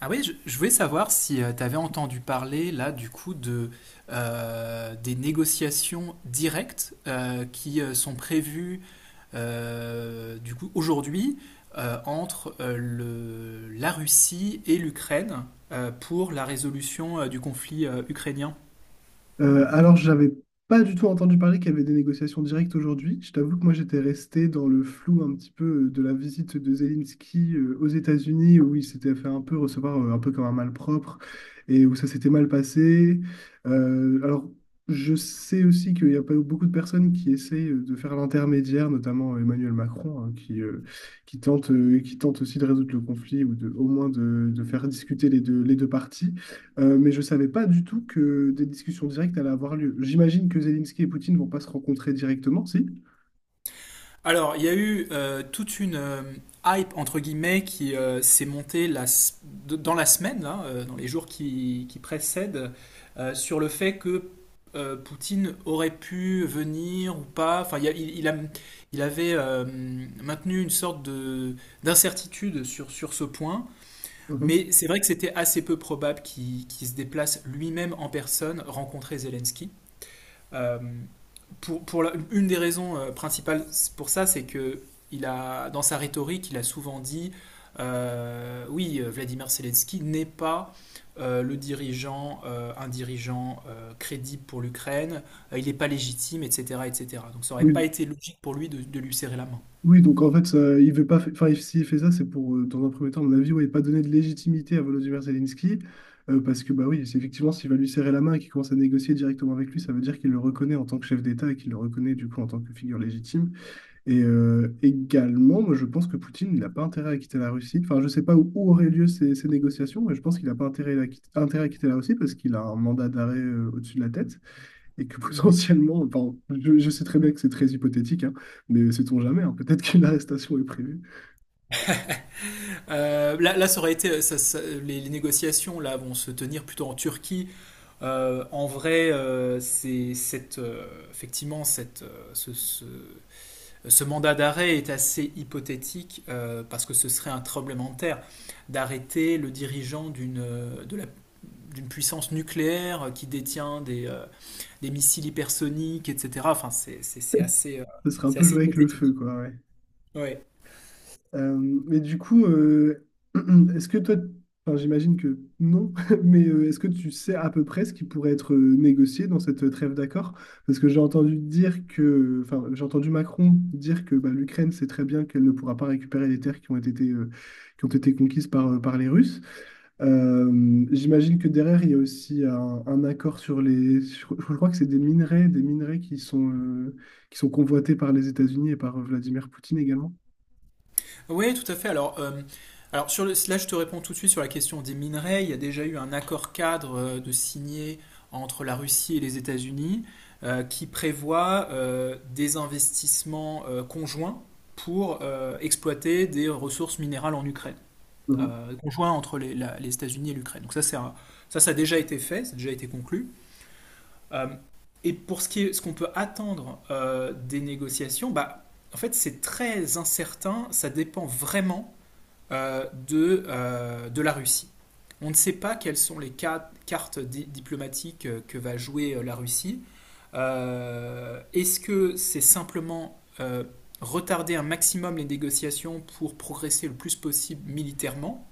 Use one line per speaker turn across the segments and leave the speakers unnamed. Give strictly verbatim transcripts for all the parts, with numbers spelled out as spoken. Ah oui, je, je voulais savoir si tu avais entendu parler là du coup de euh, des négociations directes euh, qui euh, sont prévues euh, du coup aujourd'hui euh, entre euh, le, la Russie et l'Ukraine euh, pour la résolution euh, du conflit euh, ukrainien.
Euh, alors, j'avais pas du tout entendu parler qu'il y avait des négociations directes aujourd'hui. Je t'avoue que moi, j'étais resté dans le flou un petit peu euh, de la visite de Zelensky euh, aux États-Unis, où il s'était fait un peu recevoir euh, un peu comme un malpropre et où ça s'était mal passé. Euh, alors, je sais aussi qu'il y a pas beaucoup de personnes qui essaient euh, de faire l'intermédiaire, notamment euh, Emmanuel Macron, hein, qui, euh, qui tente, euh, qui tente aussi de résoudre le conflit ou de, au moins de, de faire discuter les deux, les deux parties. Euh, mais je ne savais pas du tout que des discussions directes allaient avoir lieu. J'imagine que Zelensky et Poutine vont pas se rencontrer directement, si?
Alors, il y a eu euh, toute une euh, hype, entre guillemets, qui euh, s'est montée la s- de- dans la semaine, là, euh, dans les jours qui, qui précèdent, euh, sur le fait que euh, Poutine aurait pu venir ou pas. Enfin, il, y a- il- il a- il avait euh, maintenu une sorte de, d'incertitude sur, sur ce point.
Mhm.
Mais c'est vrai que c'était assez peu probable qu'il qu'il se déplace lui-même en personne rencontrer Zelensky. Euh, pour, pour la- une des raisons euh, principales pour ça, c'est que il a, dans sa rhétorique, il a souvent dit euh, oui, euh, Vladimir Zelensky n'est pas euh, le dirigeant, euh, un dirigeant euh, crédible pour l'Ukraine, euh, il n'est pas légitime, et cetera, et cetera. Donc ça n'aurait pas
Oui,
été logique pour lui de, de lui serrer la main.
Oui, donc en fait, euh, il veut pas, fa- enfin, il- s'il fait ça, c'est pour, euh, dans un premier temps, à mon avis, ouais, pas donner de légitimité à Volodymyr Zelensky, euh, parce que, bah oui, c'est effectivement, s'il va lui serrer la main et qu'il commence à négocier directement avec lui, ça veut dire qu'il le reconnaît en tant que chef d'État et qu'il le reconnaît, du coup, en tant que figure légitime. Et euh, également, moi, je pense que Poutine, il n'a pas intérêt à quitter la Russie. Enfin, je sais pas où, où auraient lieu ces, ces négociations, mais je pense qu'il n'a pas intérêt à, quitter- intérêt à quitter la Russie parce qu'il a un mandat d'arrêt, euh, au-dessus de la tête. Et que
Mm.
potentiellement, enfin, je, je sais très bien que c'est très hypothétique, hein, mais sait-on jamais, hein, peut-être qu'une arrestation est prévue.
Euh, là, là, ça aurait été, ça- ça- les, les négociations là vont se tenir plutôt en Turquie. Euh, en vrai, euh, c'est cette, euh, effectivement, cette, euh, ce, ce- ce mandat d'arrêt est assez hypothétique euh, parce que ce serait un tremblement de terre d'arrêter le dirigeant d'une d'une puissance nucléaire qui détient des, euh, des missiles hypersoniques, et cetera. Enfin, c'est c'est- c'est assez, euh,
Ce serait un
c'est
peu
assez
jouer avec le feu,
hypothétique.
quoi. ouais.
Ouais.
Euh, mais du coup, euh, est-ce que toi, enfin, j'imagine que non, mais euh, est-ce que tu sais à peu près ce qui pourrait être euh, négocié dans cette euh, trêve d'accord? Parce que j'ai entendu dire que, enfin, j'ai entendu Macron dire que bah, l'Ukraine sait très bien qu'elle ne pourra pas récupérer les terres qui ont été, euh, qui ont été conquises par, euh, par les Russes. Euh, j'imagine que derrière, il y a aussi un, un accord sur les, sur- je crois que c'est des minerais, des minerais, qui sont, euh, qui sont convoités par les États-Unis et par euh, Vladimir Poutine également.
Oui, tout à fait. Alors, euh, alors sur le, là, je te réponds tout de suite sur la question des minerais. Il y a déjà eu un accord cadre euh, de signé entre la Russie et les États-Unis euh, qui prévoit euh, des investissements euh, conjoints pour euh, exploiter des ressources minérales en Ukraine,
Mhm.
euh, conjoints entre les, la- les États-Unis et l'Ukraine. Donc ça, c'est un- ça, ça a déjà été fait, ça a déjà été conclu. Euh, et pour ce qui est, ce qu'on peut attendre euh, des négociations, bah, en fait, c'est très incertain. Ça dépend vraiment euh, de, euh, de la Russie. On ne sait pas quelles sont les ca- cartes di- diplomatiques euh, que va jouer euh, la Russie. Euh, Est-ce que c'est simplement euh, retarder un maximum les négociations pour progresser le plus possible militairement,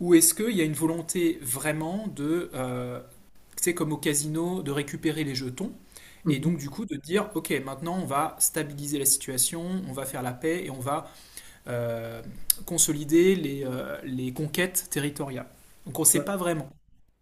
ou est-ce qu'il y a une volonté vraiment de, euh, c'est comme au casino, de récupérer les jetons et donc du coup de dire, ok, maintenant on va stabiliser la situation, on va faire la paix et on va euh, consolider les, euh, les conquêtes territoriales. Donc on ne sait
Mhm.
pas vraiment.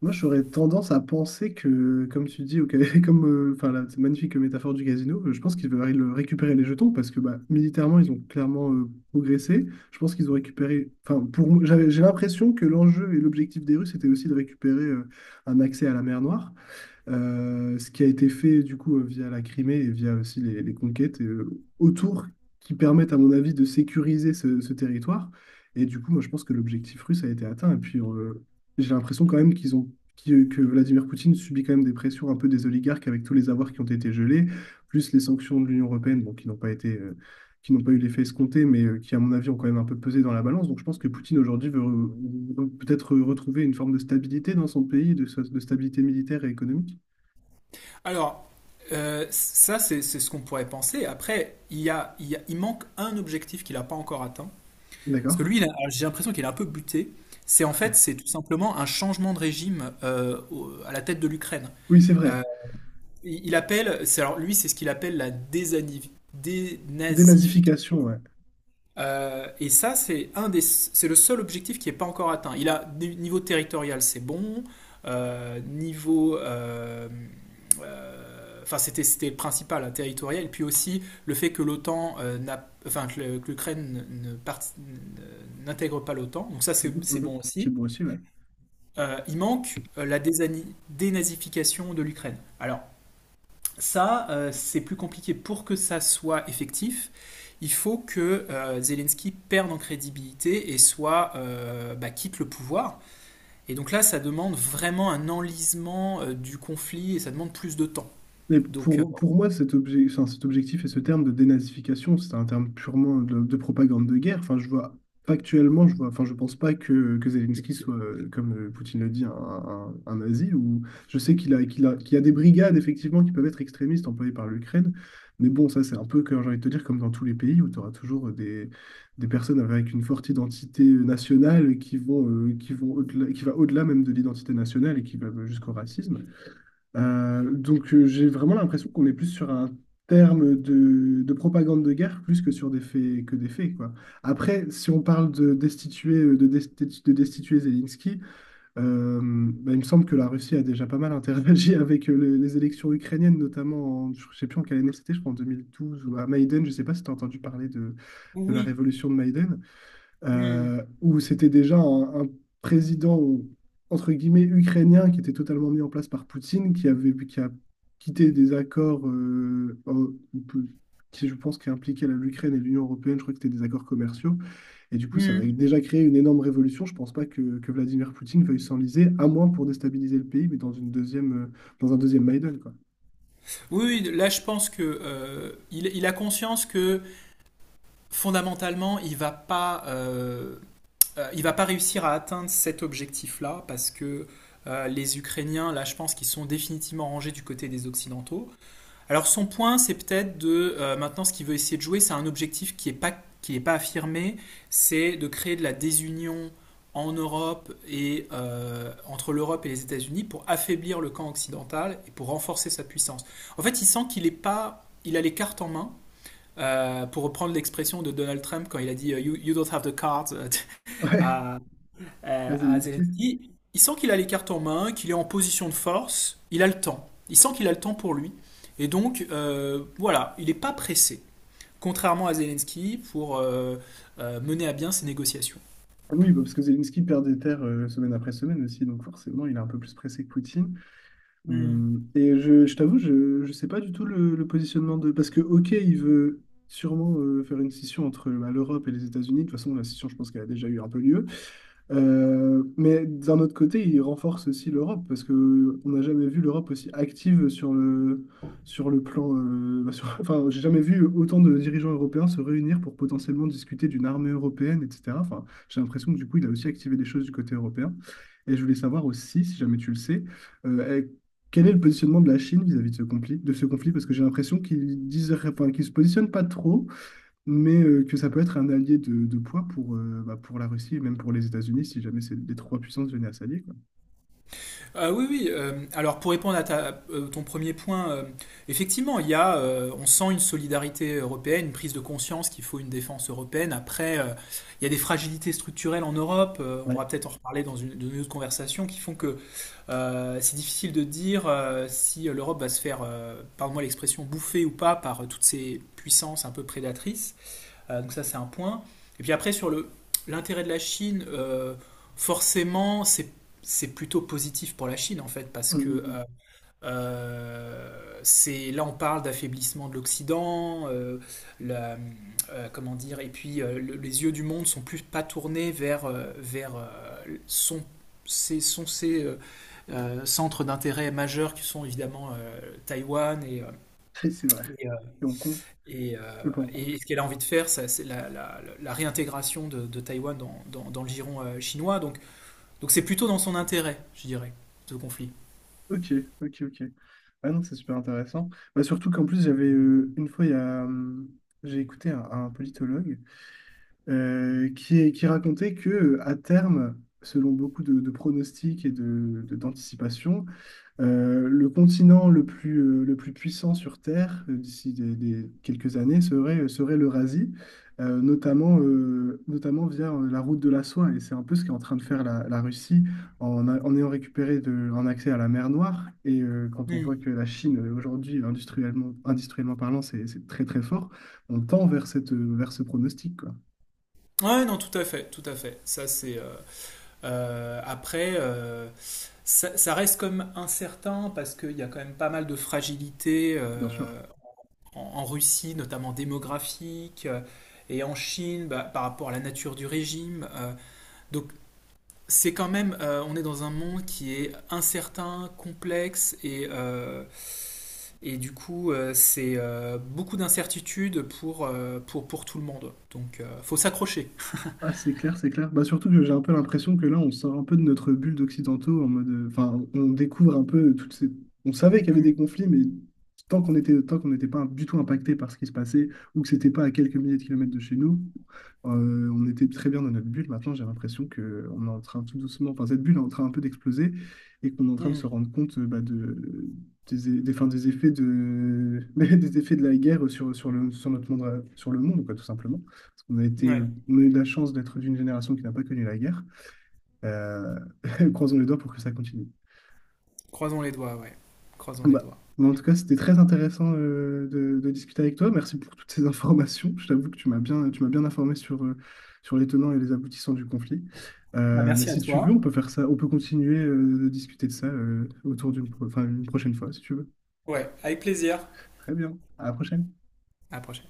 Moi, j'aurais tendance à penser que, comme tu dis, ok, comme, euh, enfin, la cette magnifique métaphore du casino, euh, je pense qu'ils veulent le- récupérer les jetons parce que bah, militairement, ils ont clairement euh, progressé. Je pense qu'ils ont récupéré. Enfin, pour, moi, j'avais, j'ai l'impression que l'enjeu et l'objectif des Russes était aussi de récupérer euh, un accès à la mer Noire. Euh, ce qui a été fait du coup euh, via la Crimée et via aussi les, les conquêtes euh, autour qui permettent à mon avis de sécuriser ce, ce territoire. Et du coup, moi je pense que l'objectif russe a été atteint. Et puis euh, j'ai l'impression quand même qu'ils ont qui- euh, que Vladimir Poutine subit quand même des pressions un peu des oligarques avec tous les avoirs qui ont été gelés, plus les sanctions de l'Union européenne, bon, qui n'ont pas été euh, qui n'ont pas eu l'effet escompté, mais euh, qui, à mon avis, ont quand même un peu pesé dans la balance. Donc je pense que Poutine, aujourd'hui, veut re- peut-être retrouver une forme de stabilité dans son pays, de, de stabilité militaire et économique.
Alors, euh, ça, c'est c'est ce qu'on pourrait penser. Après, il, y a, il, y a- il manque un objectif qu'il n'a pas encore atteint. Parce
D'accord.
que lui, il a- j'ai l'impression qu'il est un peu buté. C'est en fait, c'est tout simplement un changement de régime euh, au- à la tête de l'Ukraine.
Oui, c'est vrai.
Euh, il il appelle, c'est alors lui, c'est ce qu'il appelle la désanivi-
Dénazification,
dénazification.
ouais.
Euh, et ça, c'est un des, c'est le seul objectif qui n'est pas encore atteint. Il a niveau territorial, c'est bon. Euh, niveau, euh, euh, enfin c'était c'était le principal, hein, territorial. Et puis aussi le fait que l'OTAN euh, n'a, enfin que le- que l'Ukraine ne part- n'intègre pas l'OTAN. Donc ça c'est
Mhm,
c'est
mhm.
bon
C'est
aussi.
beau aussi, ouais.
Euh, il manque euh, la désani- dénazification de l'Ukraine. Alors ça, euh, c'est plus compliqué. Pour que ça soit effectif, il faut que euh, Zelensky perde en crédibilité et soit euh, bah, quitte le pouvoir. Et donc là, ça demande vraiment un enlisement euh, du conflit et ça demande plus de temps.
Mais
Donc euh,
pour, pour moi, cet obje- enfin, cet objectif et ce terme de dénazification, c'est un terme purement de, de propagande de guerre. Enfin, je vois, factuellement, je vois, enfin, je pense pas que, que Zelensky soit, euh, comme euh, Poutine le dit, un, un, un nazi. Ou, je sais qu'il a, qu'il a, qu'il y a des brigades, effectivement, qui peuvent être extrémistes employées par l'Ukraine. Mais bon, ça, c'est un peu, comme j'ai envie de te dire, comme dans tous les pays où tu auras toujours des, des personnes avec une forte identité nationale qui vont, euh, qui vont au-delà, qui va au-delà même de l'identité nationale et qui va jusqu'au racisme. Euh, donc euh, j'ai vraiment l'impression qu'on est plus sur un terme de, de propagande de guerre plus que sur des faits que des faits quoi. Après, si on parle de destituer euh, de, desti- de destituer Zelensky, euh, bah, il me semble que la Russie a déjà pas mal interagi avec euh, les, les élections ukrainiennes, notamment en, je sais plus en quelle année c'était, je crois en deux mille douze ou à Maïden. Je sais pas si tu as entendu parler de, de la
oui.
révolution de Maïden
Hmm,
euh, où c'était déjà un, un président, entre guillemets, ukrainien qui était totalement mis en place par Poutine, qui avait, qui a quitté des accords euh, euh, qui, je pense, qui impliquaient la- l'Ukraine et l'Union européenne. Je crois que c'était des accords commerciaux. Et du coup, ça a
hmm.
déjà créé une énorme révolution. Je ne pense pas que, que Vladimir Poutine veuille s'enliser, à moins pour déstabiliser le pays, mais dans une deuxième, euh, dans un deuxième Maïdan, quoi.
Oui, oui, là je pense que euh, il, il a conscience que fondamentalement il va pas euh, euh, il ne va pas réussir à atteindre cet objectif-là parce que euh, les Ukrainiens, là, je pense qu'ils sont définitivement rangés du côté des Occidentaux. Alors son point, c'est peut-être de euh, maintenant ce qu'il veut essayer de jouer, c'est un objectif qui n'est pas qui est pas affirmé, c'est de créer de la désunion en Europe et euh, entre l'Europe et les États-Unis pour affaiblir le camp occidental et pour renforcer sa puissance. En fait, il sent qu'il est pas, il a les cartes en main. euh, pour reprendre l'expression de Donald Trump quand il a dit euh, you, you don't have the cards euh,
Ouais,
à, euh,
à
à
Zelensky.
Zelensky. Il sent qu'il a les cartes en main, qu'il est en position de force, il a le temps. Il sent qu'il a le temps pour lui. Et donc, euh, voilà, il n'est pas pressé, contrairement à Zelensky, pour euh, euh, mener à bien ses négociations.
Oui, bah, parce que Zelensky perd des terres euh, semaine après semaine aussi, donc forcément, il est un peu plus pressé que Poutine.
Hmm.
Hum, Et je, je t'avoue, je ne sais pas du tout le, le positionnement de... Parce que, OK, il veut sûrement euh, faire une scission entre bah, l'Europe et les États-Unis. De toute façon, la scission, je pense qu'elle a déjà eu un peu lieu. Euh, mais d'un autre côté, il renforce aussi l'Europe parce que on n'a jamais vu l'Europe aussi active sur le, sur le plan. euh, bah, sur- enfin, j'ai jamais vu autant de dirigeants européens se réunir pour potentiellement discuter d'une armée européenne, et cetera. Enfin, j'ai l'impression que du coup, il a aussi activé des choses du côté européen. Et je voulais savoir aussi, si jamais tu le sais, euh, eh, quel est le positionnement de la Chine vis-à-vis de ce conflit, de ce conflit, parce que j'ai l'impression qu'ils disent, enfin, qu'ils se positionnent pas trop, mais euh, que ça peut être un allié de, de poids pour, euh, bah, pour la Russie et même pour les États-Unis si jamais c'est- les trois puissances venaient à s'allier, quoi.
Euh, oui, oui. euh, alors pour répondre à ta- euh, ton premier point, euh, effectivement, il y a, euh, on sent une solidarité européenne, une prise de conscience qu'il faut une défense européenne. Après, euh, il y a des fragilités structurelles en Europe. euh, on
Ouais.
pourra peut-être en reparler dans une, dans une autre conversation qui font que euh, c'est difficile de dire euh, si l'Europe va se faire, euh, pardon-moi l'expression, bouffer ou pas par euh, toutes ces puissances un peu prédatrices. Euh, donc ça c'est un point. Et puis après sur le l'intérêt de la Chine, euh, forcément c'est c'est plutôt positif pour la Chine en fait parce que
Mhm.
euh, euh, c'est là on parle d'affaiblissement de l'Occident, euh, la- euh, comment dire et puis euh, le- les yeux du monde sont plus pas tournés vers euh, vers euh, son ces sont ces euh, euh, centres d'intérêt majeurs qui sont évidemment euh, Taïwan et, euh,
Et C'est vrai.
et, euh,
Et Hong Kong,
et, euh,
euh, pas Hong Kong.
et ce qu'elle a envie de faire, ça, c'est la, la- la réintégration de, de Taïwan dans, dans- dans le giron euh, chinois. Donc, donc c'est plutôt dans son intérêt, je dirais, ce conflit.
Ok, ok, ok. Ah non, c'est super intéressant. Bah, surtout qu'en plus, j'avais euh, une fois, il y a, hum, j'ai écouté un, un politologue euh, qui, qui racontait que euh, à terme, selon beaucoup de, de pronostics et de, de- d'anticipations, Euh, le continent le plus, euh, le plus puissant sur Terre euh, d'ici des, des- quelques années serait, euh, serait l'Eurasie, euh, notamment, euh, notamment via euh, la route de la soie. Et c'est un peu ce qu'est en train de faire la, la Russie en, a- en ayant récupéré de- un accès à la mer Noire. Et euh, quand on voit
Hmm.
que la Chine, euh, aujourd'hui, industriellement, industriellement parlant, c'est c'est très très fort, on tend vers cette, euh, vers ce pronostic, quoi,
Ouais, non, tout à fait, tout à fait. Ça, c'est euh, euh, après, euh, ça, ça reste comme incertain parce qu'il y a quand même pas mal de fragilité
bien sûr.
euh, en, en Russie, notamment démographique, euh, et en Chine, bah, par rapport à la nature du régime. euh, donc c'est quand même, euh, on est dans un monde qui est incertain, complexe, et, euh, et du coup, euh, c'est euh, beaucoup d'incertitudes pour, euh, pour, pour tout le monde. Donc, euh, faut s'accrocher.
Ah, c'est clair, c'est clair. Bah, surtout que j'ai un peu l'impression que là, on sort un peu de notre bulle d'occidentaux en mode. euh, Enfin, on découvre un peu toutes ces. On savait qu'il y avait
Hmm,
des conflits, mais tant qu'on était, tant qu'on n'était pas du tout impacté par ce qui se passait ou que c'était pas à quelques milliers de kilomètres de chez nous, euh, on était très bien dans notre bulle. Maintenant, j'ai l'impression que on est en train tout doucement. Enfin, cette bulle est en train un peu d'exploser et qu'on est en train de se
hmm,
rendre compte euh, bah, de, des, é- des, enfin, des effets de, des effets de la guerre sur, sur le, sur notre monde, euh, sur le monde, quoi, tout simplement. On a été,
ouais,
euh, on a eu de la chance d'être d'une génération qui n'a pas connu la guerre. Euh, Croisons les doigts pour que ça continue.
croisons les doigts, ouais. Croisons
Bon,
les
Bah,
doigts.
mais en tout cas, c'était très intéressant euh, de, de discuter avec toi. Merci pour toutes ces informations. Je t'avoue que tu m'as bien, tu m'as bien informé sur, euh, sur les tenants et les aboutissants du conflit.
Bah,
Euh, mais
merci à
si tu veux, on
toi.
peut faire ça, on peut continuer euh, de discuter de ça euh, autour d'une pro- enfin, une prochaine fois, si tu veux.
Ouais, avec plaisir.
Très bien. À la prochaine.
À la prochaine.